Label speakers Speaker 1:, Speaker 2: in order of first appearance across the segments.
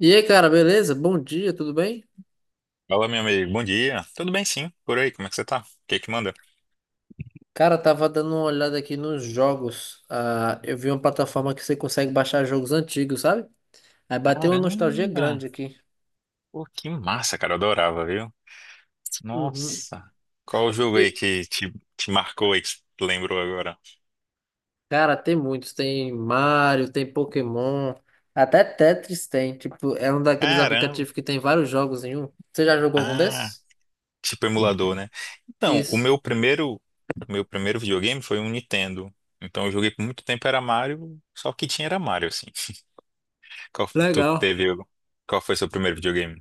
Speaker 1: E aí, cara, beleza? Bom dia, tudo bem?
Speaker 2: Fala, meu amigo. Bom dia. Tudo bem, sim. Por aí, como é que você tá? O que que manda?
Speaker 1: Cara, tava dando uma olhada aqui nos jogos. Ah, eu vi uma plataforma que você consegue baixar jogos antigos, sabe? Aí bateu uma nostalgia
Speaker 2: Caramba!
Speaker 1: grande aqui.
Speaker 2: Pô, que massa, cara. Eu adorava, viu?
Speaker 1: Uhum.
Speaker 2: Nossa! Qual o jogo aí
Speaker 1: E,
Speaker 2: que te marcou aí, que você lembrou agora?
Speaker 1: cara, tem muitos. Tem Mario, tem Pokémon, até Tetris tem. Tipo, é um daqueles
Speaker 2: Caramba!
Speaker 1: aplicativos que tem vários jogos em um. Você já jogou algum
Speaker 2: Ah,
Speaker 1: desses?
Speaker 2: tipo emulador, né? Então, o
Speaker 1: Isso.
Speaker 2: meu primeiro, o meu primeiro videogame foi um Nintendo. Então, eu joguei por muito tempo, era Mario, só o que tinha era Mario, assim. Qual, f- tu
Speaker 1: Legal.
Speaker 2: teve, algum- Qual foi seu primeiro videogame?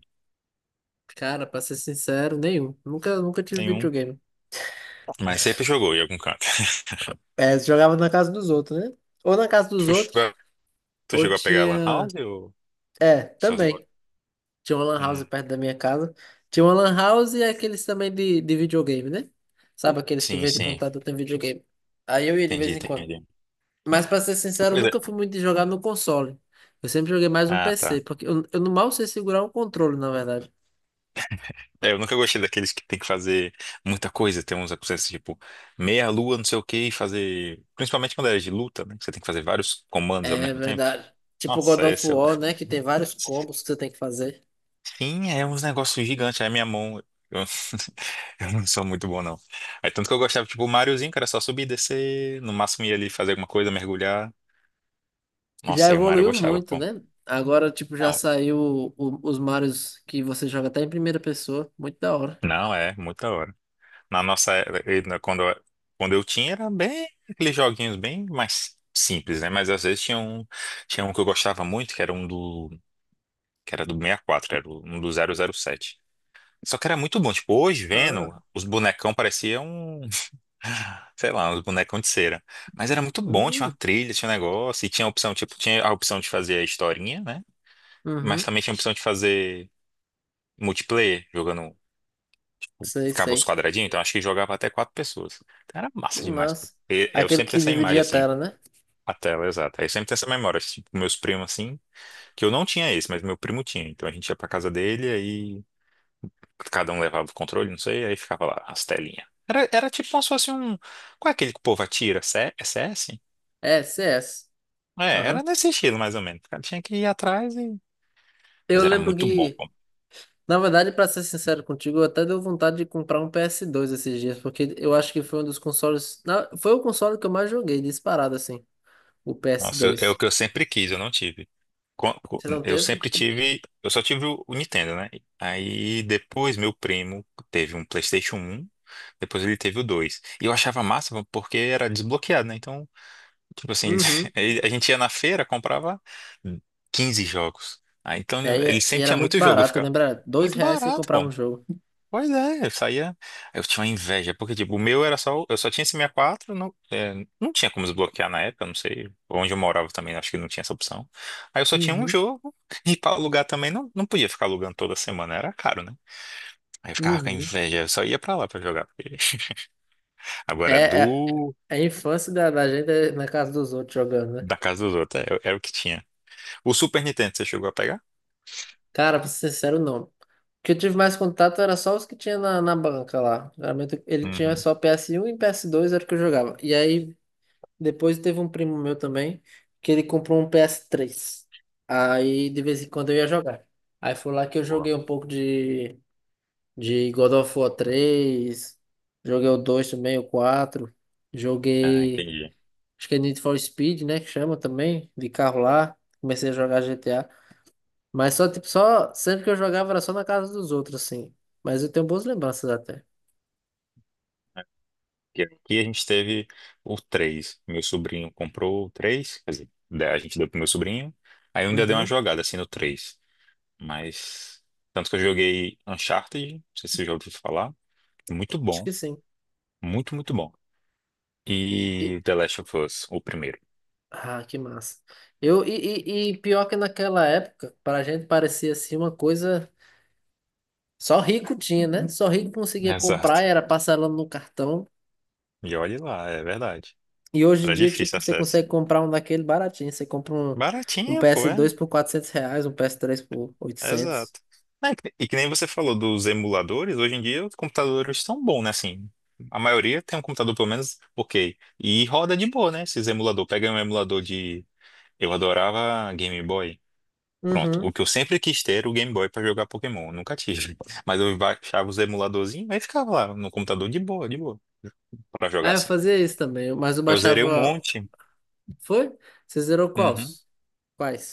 Speaker 1: Cara, pra ser sincero, nenhum. Nunca tive
Speaker 2: Tem um,
Speaker 1: videogame.
Speaker 2: mas sempre jogou em algum canto.
Speaker 1: É, você jogava na casa dos outros, né? Ou na casa dos
Speaker 2: Tu chegou,
Speaker 1: outros,
Speaker 2: a- Tu
Speaker 1: ou
Speaker 2: chegou a pegar a Lan
Speaker 1: tinha.
Speaker 2: House ou...
Speaker 1: É,
Speaker 2: Essas lo-
Speaker 1: também. Tinha uma lan house
Speaker 2: Hum.
Speaker 1: perto da minha casa. Tinha uma lan house e aqueles também de videogame, né? Sabe, aqueles que
Speaker 2: Sim,
Speaker 1: vendem
Speaker 2: sim.
Speaker 1: computador tem videogame. Aí eu ia de
Speaker 2: Entendi,
Speaker 1: vez em quando.
Speaker 2: entendi.
Speaker 1: Mas pra ser sincero, eu
Speaker 2: Pois é.
Speaker 1: nunca fui muito de jogar no console. Eu sempre joguei mais no
Speaker 2: Ah,
Speaker 1: PC,
Speaker 2: tá.
Speaker 1: porque eu não mal sei segurar um controle, na verdade.
Speaker 2: É, eu nunca gostei daqueles que tem que fazer muita coisa. Tem uns processos tipo meia lua, não sei o que, e fazer. Principalmente quando é de luta, né? Que você tem que fazer vários comandos ao
Speaker 1: É
Speaker 2: mesmo tempo.
Speaker 1: verdade. Tipo God
Speaker 2: Nossa,
Speaker 1: of
Speaker 2: esse é.
Speaker 1: War, né? Que tem vários combos que você tem que fazer.
Speaker 2: Sim, é uns negócios gigantes. Aí minha mão. Eu... eu não sou muito bom, não. Aí tanto que eu gostava, tipo, o Mariozinho, que era só subir, descer, no máximo ia ali fazer alguma coisa, mergulhar.
Speaker 1: Já
Speaker 2: Nossa, aí o Mario eu
Speaker 1: evoluiu
Speaker 2: gostava.
Speaker 1: muito,
Speaker 2: Bom,
Speaker 1: né? Agora, tipo, já
Speaker 2: não,
Speaker 1: saiu os Marios que você joga até em primeira pessoa. Muito da hora.
Speaker 2: não, é, muita hora. Na nossa era, quando eu tinha, era bem aqueles joguinhos bem mais simples, né? Mas às vezes tinha um que eu gostava muito, que era do 64, era um do 007. Só que era muito bom. Tipo, hoje
Speaker 1: Ah,
Speaker 2: vendo, os bonecão pareciam, sei lá, uns bonecão de cera. Mas era muito bom, tinha uma
Speaker 1: hum.
Speaker 2: trilha, tinha um negócio, e tinha a opção de fazer a historinha, né? Mas
Speaker 1: Uhum,
Speaker 2: também tinha a opção de fazer multiplayer, jogando.
Speaker 1: sei,
Speaker 2: Ficava os
Speaker 1: sei.
Speaker 2: quadradinhos, então acho que jogava até quatro pessoas. Então, era
Speaker 1: Que
Speaker 2: massa demais, pô.
Speaker 1: massa.
Speaker 2: Eu
Speaker 1: Aquele
Speaker 2: sempre tenho
Speaker 1: que
Speaker 2: essa imagem
Speaker 1: dividia a
Speaker 2: assim,
Speaker 1: tela, né?
Speaker 2: a tela, exato. Aí eu sempre tenho essa memória, assim, tipo, meus primos assim, que eu não tinha esse, mas meu primo tinha. Então a gente ia pra casa dele, aí cada um levava o controle, não sei, aí ficava lá as telinhas. Era tipo como se fosse um. Qual é aquele que o povo atira? CS.
Speaker 1: É, CS.
Speaker 2: É, era
Speaker 1: Aham.
Speaker 2: nesse estilo mais ou menos. O cara tinha que ir atrás e. Mas
Speaker 1: Eu
Speaker 2: era
Speaker 1: lembro
Speaker 2: muito bom.
Speaker 1: que, na verdade, pra ser sincero contigo, eu até deu vontade de comprar um PS2 esses dias, porque eu acho que foi um dos consoles. Foi o console que eu mais joguei, disparado assim, o
Speaker 2: Nossa, é o
Speaker 1: PS2.
Speaker 2: que eu sempre quis, eu não tive.
Speaker 1: Você não
Speaker 2: Eu
Speaker 1: teve?
Speaker 2: sempre tive, eu só tive o Nintendo, né? Aí depois meu primo teve um PlayStation 1. Depois ele teve o 2. E eu achava massa porque era desbloqueado, né? Então, tipo assim,
Speaker 1: Uhum.
Speaker 2: a gente ia na feira, comprava 15 jogos. Aí então ele
Speaker 1: É, e
Speaker 2: sempre
Speaker 1: era
Speaker 2: tinha
Speaker 1: muito
Speaker 2: muito jogo, eu
Speaker 1: barato,
Speaker 2: ficava
Speaker 1: lembra? Dois
Speaker 2: muito
Speaker 1: reais você
Speaker 2: barato,
Speaker 1: comprava
Speaker 2: pô.
Speaker 1: um jogo.
Speaker 2: Pois é, eu saía. Eu tinha uma inveja, porque, tipo, o meu era só. Eu só tinha esse 64. Não, é, não tinha como desbloquear na época, não sei. Onde eu morava também, acho que não tinha essa opção. Aí eu só tinha um
Speaker 1: Uhum,
Speaker 2: jogo, e pra alugar também não, não podia ficar alugando toda semana, era caro, né? Aí eu ficava com a
Speaker 1: uhum.
Speaker 2: inveja, eu só ia pra lá pra jogar, porque agora, é
Speaker 1: É, é,
Speaker 2: do.
Speaker 1: a infância da gente é na casa dos outros jogando, né?
Speaker 2: Da casa dos outros, era o que tinha. O Super Nintendo, você chegou a pegar?
Speaker 1: Cara, pra ser sincero, não. O que eu tive mais contato era só os que tinha na banca lá. Geralmente ele tinha
Speaker 2: Uhum.
Speaker 1: só PS1 e PS2 era o que eu jogava. E aí depois teve um primo meu também que ele comprou um PS3. Aí de vez em quando eu ia jogar. Aí foi lá que eu
Speaker 2: Boa.
Speaker 1: joguei um pouco de God of War 3, joguei o 2 também, o quatro,
Speaker 2: Ah,
Speaker 1: joguei,
Speaker 2: entendi.
Speaker 1: acho que é Need for Speed, né, que chama também, de carro lá. Comecei a jogar GTA. Mas só, tipo, só. Sempre que eu jogava era só na casa dos outros, assim. Mas eu tenho boas lembranças até.
Speaker 2: E aqui a gente teve o 3. Meu sobrinho comprou o 3, quer dizer, né, a gente deu pro meu sobrinho. Aí eu ainda dei uma
Speaker 1: Uhum.
Speaker 2: jogada assim no 3. Mas. Tanto que eu joguei Uncharted, não sei se você já ouviu falar. Muito
Speaker 1: Acho
Speaker 2: bom.
Speaker 1: que sim.
Speaker 2: Muito, muito bom.
Speaker 1: E-
Speaker 2: E The Last of Us, o primeiro.
Speaker 1: ah, que massa. E pior que naquela época, pra gente parecia assim uma coisa. Só rico tinha, né? Só rico conseguia
Speaker 2: Exato.
Speaker 1: comprar, era parcelando no cartão.
Speaker 2: E olhe lá, é verdade.
Speaker 1: E hoje em
Speaker 2: Era
Speaker 1: dia,
Speaker 2: difícil
Speaker 1: tipo, você
Speaker 2: acesso.
Speaker 1: consegue comprar um daquele baratinho. Um
Speaker 2: Baratinha, pô,
Speaker 1: ps
Speaker 2: é.
Speaker 1: dois por 400 reais, um ps três por 800.
Speaker 2: Exato. É, E que nem você falou dos emuladores, hoje em dia os computadores estão bons, né? Assim, a maioria tem um computador pelo menos ok. E roda de boa, né? Esses emulador. Pega um emulador de. Eu adorava Game Boy. Pronto. O
Speaker 1: Uhum.
Speaker 2: que eu sempre quis ter era o Game Boy pra jogar Pokémon. Eu nunca tive. Mas eu baixava os emuladorzinhos e ficava lá no computador de boa, pra jogar
Speaker 1: Ah, eu
Speaker 2: assim.
Speaker 1: fazia isso também, mas eu
Speaker 2: Eu zerei um
Speaker 1: baixava.
Speaker 2: monte.
Speaker 1: Foi? Você zerou
Speaker 2: Uhum.
Speaker 1: quais?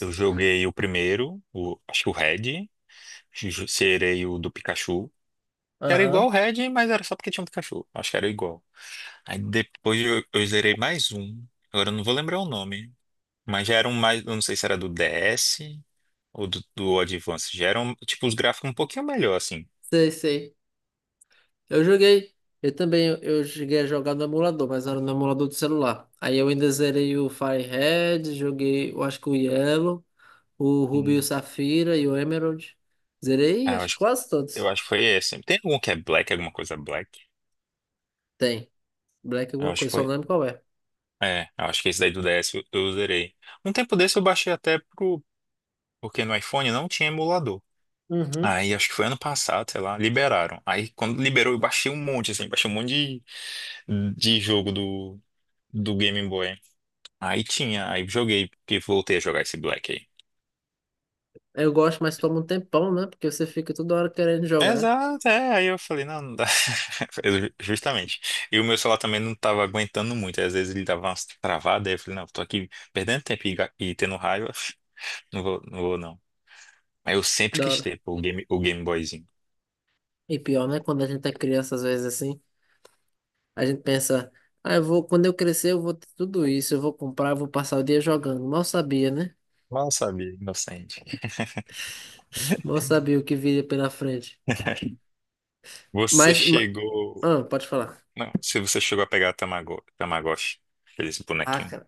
Speaker 2: Eu joguei o primeiro, acho que o Red. Zerei o do Pikachu. Era igual o
Speaker 1: Aham.
Speaker 2: Red, mas era só porque tinha um cachorro. Acho que era igual. Aí depois eu zerei mais um. Agora eu não vou lembrar o nome. Mas já era um mais. Eu não sei se era do DS ou do Advance. Já eram, tipo, os gráficos um pouquinho melhor, assim.
Speaker 1: Sei, sei. Eu joguei. Eu também, eu cheguei a jogar no emulador, mas era no emulador do celular. Aí eu ainda zerei o Firehead, joguei, eu acho que o Yellow, o Ruby e o
Speaker 2: Hum.
Speaker 1: Safira e o Emerald. Zerei,
Speaker 2: Ah, eu
Speaker 1: acho que
Speaker 2: acho,
Speaker 1: quase
Speaker 2: eu
Speaker 1: todos.
Speaker 2: acho que foi esse. Tem algum que é Black, alguma coisa Black?
Speaker 1: Tem. Black
Speaker 2: Eu
Speaker 1: alguma
Speaker 2: acho que
Speaker 1: coisa, só não
Speaker 2: foi.
Speaker 1: lembro qual é.
Speaker 2: É, eu acho que esse daí do DS eu zerei. Um tempo desse eu baixei até pro. Porque no iPhone não tinha emulador.
Speaker 1: Uhum.
Speaker 2: Aí acho que foi ano passado, sei lá, liberaram. Aí quando liberou, eu baixei um monte, assim, baixei um monte de jogo do, Game Boy. Aí tinha, aí joguei, porque voltei a jogar esse Black aí.
Speaker 1: Eu gosto, mas toma um tempão, né? Porque você fica toda hora querendo jogar.
Speaker 2: Exato, é, aí eu falei, não, não dá. Justamente. E o meu celular também não tava aguentando muito, às vezes ele dava umas travadas, aí eu falei, não, tô aqui perdendo tempo e, e tendo raiva, não vou, não vou não. Aí eu sempre
Speaker 1: Da
Speaker 2: quis
Speaker 1: hora.
Speaker 2: ter, pô, o Game Boyzinho.
Speaker 1: E pior, né? Quando a gente é criança, às vezes assim a gente pensa, ah, eu vou, quando eu crescer, eu vou ter tudo isso, eu vou comprar, eu vou passar o dia jogando. Mal sabia, né?
Speaker 2: Mal sabia, inocente.
Speaker 1: Mal sabia o que viria pela frente.
Speaker 2: Você
Speaker 1: Mas, ma-
Speaker 2: chegou.
Speaker 1: ah, pode falar.
Speaker 2: Não, se você chegou a pegar Tamagotchi, aquele
Speaker 1: Ah,
Speaker 2: bonequinho.
Speaker 1: cara,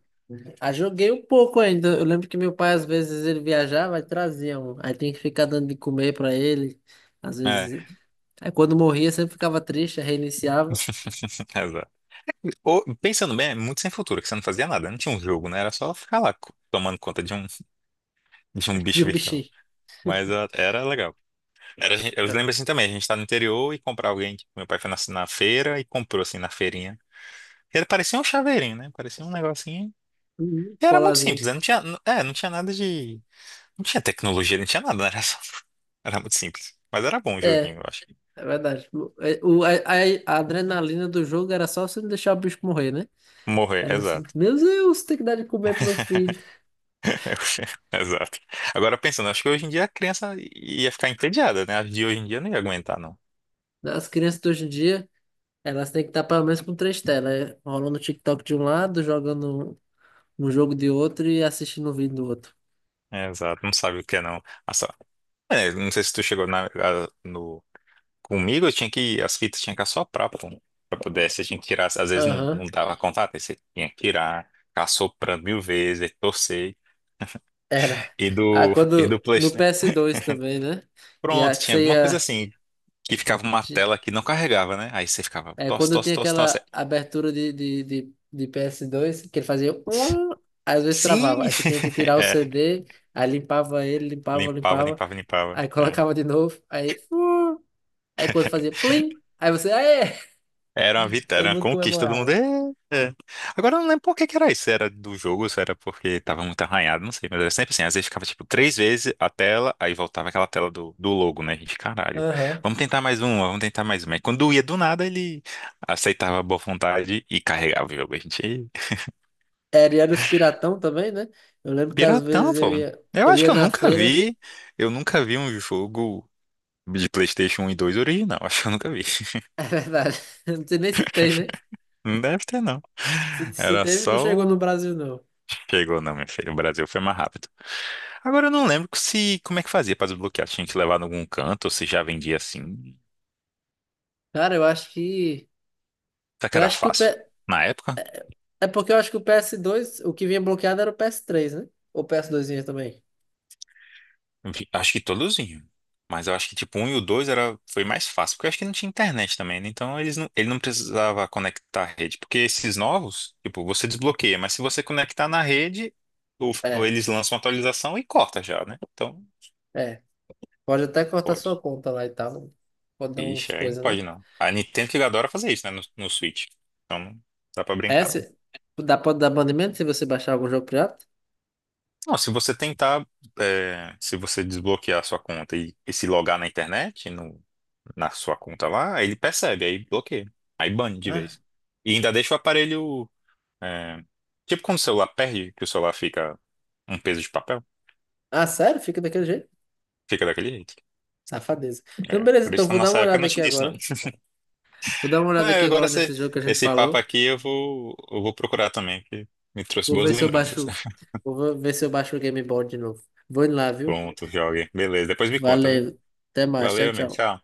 Speaker 1: ah, joguei um pouco ainda. Eu lembro que meu pai, às vezes, ele viajava e trazia um. Aí tinha que ficar dando de comer pra ele. Às
Speaker 2: É,
Speaker 1: vezes. Aí quando morria, sempre ficava triste, aí reiniciava.
Speaker 2: exato. Pensando bem, é muito sem futuro, que você não fazia nada, não tinha um jogo, né? Era só ficar lá tomando conta de um, de um
Speaker 1: De
Speaker 2: bicho
Speaker 1: um
Speaker 2: virtual.
Speaker 1: bichinho.
Speaker 2: Mas ah, era legal. Era, eu
Speaker 1: É,
Speaker 2: lembro assim também, a gente tá no interior e comprar alguém, tipo, meu pai foi na feira e comprou assim na feirinha. Era, parecia um chaveirinho, né? Parecia um negocinho.
Speaker 1: uhum,
Speaker 2: E era muito simples,
Speaker 1: Colazinho.
Speaker 2: né? Não tinha, é, não tinha nada de. Não tinha tecnologia, não tinha nada, né? Era só. Era muito simples. Mas era bom o joguinho,
Speaker 1: É,
Speaker 2: eu acho.
Speaker 1: é verdade. O, é, o- a adrenalina do jogo era só você não deixar o bicho morrer, né?
Speaker 2: Morrer,
Speaker 1: Era você,
Speaker 2: exato.
Speaker 1: meu Deus, tem que dar de comer pro meu filho.
Speaker 2: Eu- Exato. Agora pensando, acho que hoje em dia a criança ia ficar entediada, né? As de hoje em dia não ia aguentar, não.
Speaker 1: As crianças de hoje em dia, elas têm que estar pelo menos com três telas, rolando o TikTok de um lado, jogando um jogo de outro e assistindo um vídeo do outro.
Speaker 2: É, exato, não sabe o que é, não. É, não sei se tu chegou no... Comigo, eu tinha que, as fitas tinha que assoprar, pô, pra poder, você tinha que tirar, às vezes não, não
Speaker 1: Aham,
Speaker 2: dava contato, aí você tinha que tirar, ficar soprando mil vezes, aí torcer,
Speaker 1: era.
Speaker 2: e
Speaker 1: Ah,
Speaker 2: do, e do
Speaker 1: quando no
Speaker 2: PlayStation.
Speaker 1: PS2 também, né? E a,
Speaker 2: Pronto,
Speaker 1: que
Speaker 2: tinha
Speaker 1: você
Speaker 2: alguma coisa
Speaker 1: ia.
Speaker 2: assim, que ficava uma
Speaker 1: Ti-
Speaker 2: tela que não carregava, né? Aí você ficava,
Speaker 1: É,
Speaker 2: tosse,
Speaker 1: quando
Speaker 2: tosse,
Speaker 1: tinha
Speaker 2: tosse, tosse.
Speaker 1: aquela abertura de PS2, que ele fazia. Às vezes travava.
Speaker 2: Sim!
Speaker 1: Aí você tinha que tirar o CD, aí limpava ele, limpava,
Speaker 2: Limpava,
Speaker 1: limpava,
Speaker 2: limpava, limpava.
Speaker 1: aí
Speaker 2: É.
Speaker 1: colocava de novo, aí. Aí quando fazia plim, aí você, aê!
Speaker 2: Era uma vitória, era
Speaker 1: Todo
Speaker 2: uma
Speaker 1: mundo
Speaker 2: conquista do mundo. É,
Speaker 1: comemorava.
Speaker 2: é. Agora eu não lembro por que que era isso. Se era do jogo, se era porque tava muito arranhado, não sei. Mas era sempre assim. Às vezes ficava tipo três vezes a tela, aí voltava aquela tela do, logo, né? A gente, caralho.
Speaker 1: Aham.
Speaker 2: Vamos tentar mais uma, vamos tentar mais uma. E quando ia do nada, ele aceitava a boa vontade e carregava o jogo. A gente,
Speaker 1: E era os piratão também, né? Eu lembro que às
Speaker 2: piratão,
Speaker 1: vezes eu
Speaker 2: pô.
Speaker 1: ia,
Speaker 2: Eu
Speaker 1: eu
Speaker 2: acho que
Speaker 1: ia
Speaker 2: eu
Speaker 1: na
Speaker 2: nunca
Speaker 1: feira.
Speaker 2: vi, eu nunca vi um jogo de PlayStation 1 e 2 original. Acho que eu nunca vi.
Speaker 1: É verdade. Eu não sei nem se tem, né?
Speaker 2: Não deve ter, não.
Speaker 1: Se
Speaker 2: Era
Speaker 1: teve, não chegou no
Speaker 2: só.
Speaker 1: Brasil, não.
Speaker 2: Chegou, não, minha filha. O Brasil foi mais rápido. Agora eu não lembro se como é que fazia para desbloquear. Tinha que levar em algum canto ou se já vendia assim.
Speaker 1: Cara, eu acho que.
Speaker 2: Será que
Speaker 1: Eu
Speaker 2: era
Speaker 1: acho que o
Speaker 2: fácil?
Speaker 1: P...
Speaker 2: Na época,
Speaker 1: É porque eu acho que o PS2 o que vinha bloqueado era o PS3, né? Ou o PS2 vinha também.
Speaker 2: acho que todos vinham. Mas eu acho que tipo um e o dois era, foi mais fácil, porque eu acho que não tinha internet também, né? Então ele não precisava conectar a rede. Porque esses novos, tipo, você desbloqueia, mas se você conectar na rede, ou
Speaker 1: É,
Speaker 2: eles lançam uma atualização e corta já, né? Então,
Speaker 1: é. Pode até cortar
Speaker 2: pode.
Speaker 1: sua conta lá e tal. Pode dar
Speaker 2: Ixi,
Speaker 1: uns
Speaker 2: aí não
Speaker 1: coisas,
Speaker 2: pode
Speaker 1: né?
Speaker 2: não. A Nintendo que adora fazer isso, né? No Switch. Então não dá pra
Speaker 1: É,
Speaker 2: brincar.
Speaker 1: se... Dá, pode dar banimento se você baixar algum jogo pirata?
Speaker 2: Não, se você tentar, é, se você desbloquear a sua conta e se logar na internet, no, na sua conta lá, ele percebe, aí bloqueia, aí bane de
Speaker 1: Ah,
Speaker 2: vez. E ainda deixa o aparelho, é, tipo quando o celular perde, que o celular fica um peso de papel,
Speaker 1: ah, sério? Fica daquele jeito?
Speaker 2: fica daquele jeito.
Speaker 1: Safadeza. Então,
Speaker 2: É,
Speaker 1: beleza,
Speaker 2: por isso
Speaker 1: então
Speaker 2: que na
Speaker 1: vou dar
Speaker 2: nossa
Speaker 1: uma
Speaker 2: época não
Speaker 1: olhada aqui
Speaker 2: tinha isso não.
Speaker 1: agora. Vou dar uma olhada
Speaker 2: Mas
Speaker 1: aqui
Speaker 2: agora
Speaker 1: agora
Speaker 2: esse,
Speaker 1: nesse jogo que a gente
Speaker 2: esse papo
Speaker 1: falou.
Speaker 2: aqui eu vou procurar também, que me trouxe
Speaker 1: Vou
Speaker 2: boas
Speaker 1: ver se eu
Speaker 2: lembranças.
Speaker 1: baixo. Vou ver se eu baixo o Game Boy de novo. Vou indo lá, viu?
Speaker 2: Pronto, jogue. Beleza, depois me conta, viu?
Speaker 1: Valeu. Até mais.
Speaker 2: Valeu,
Speaker 1: Tchau,
Speaker 2: amigo,
Speaker 1: tchau.
Speaker 2: tchau.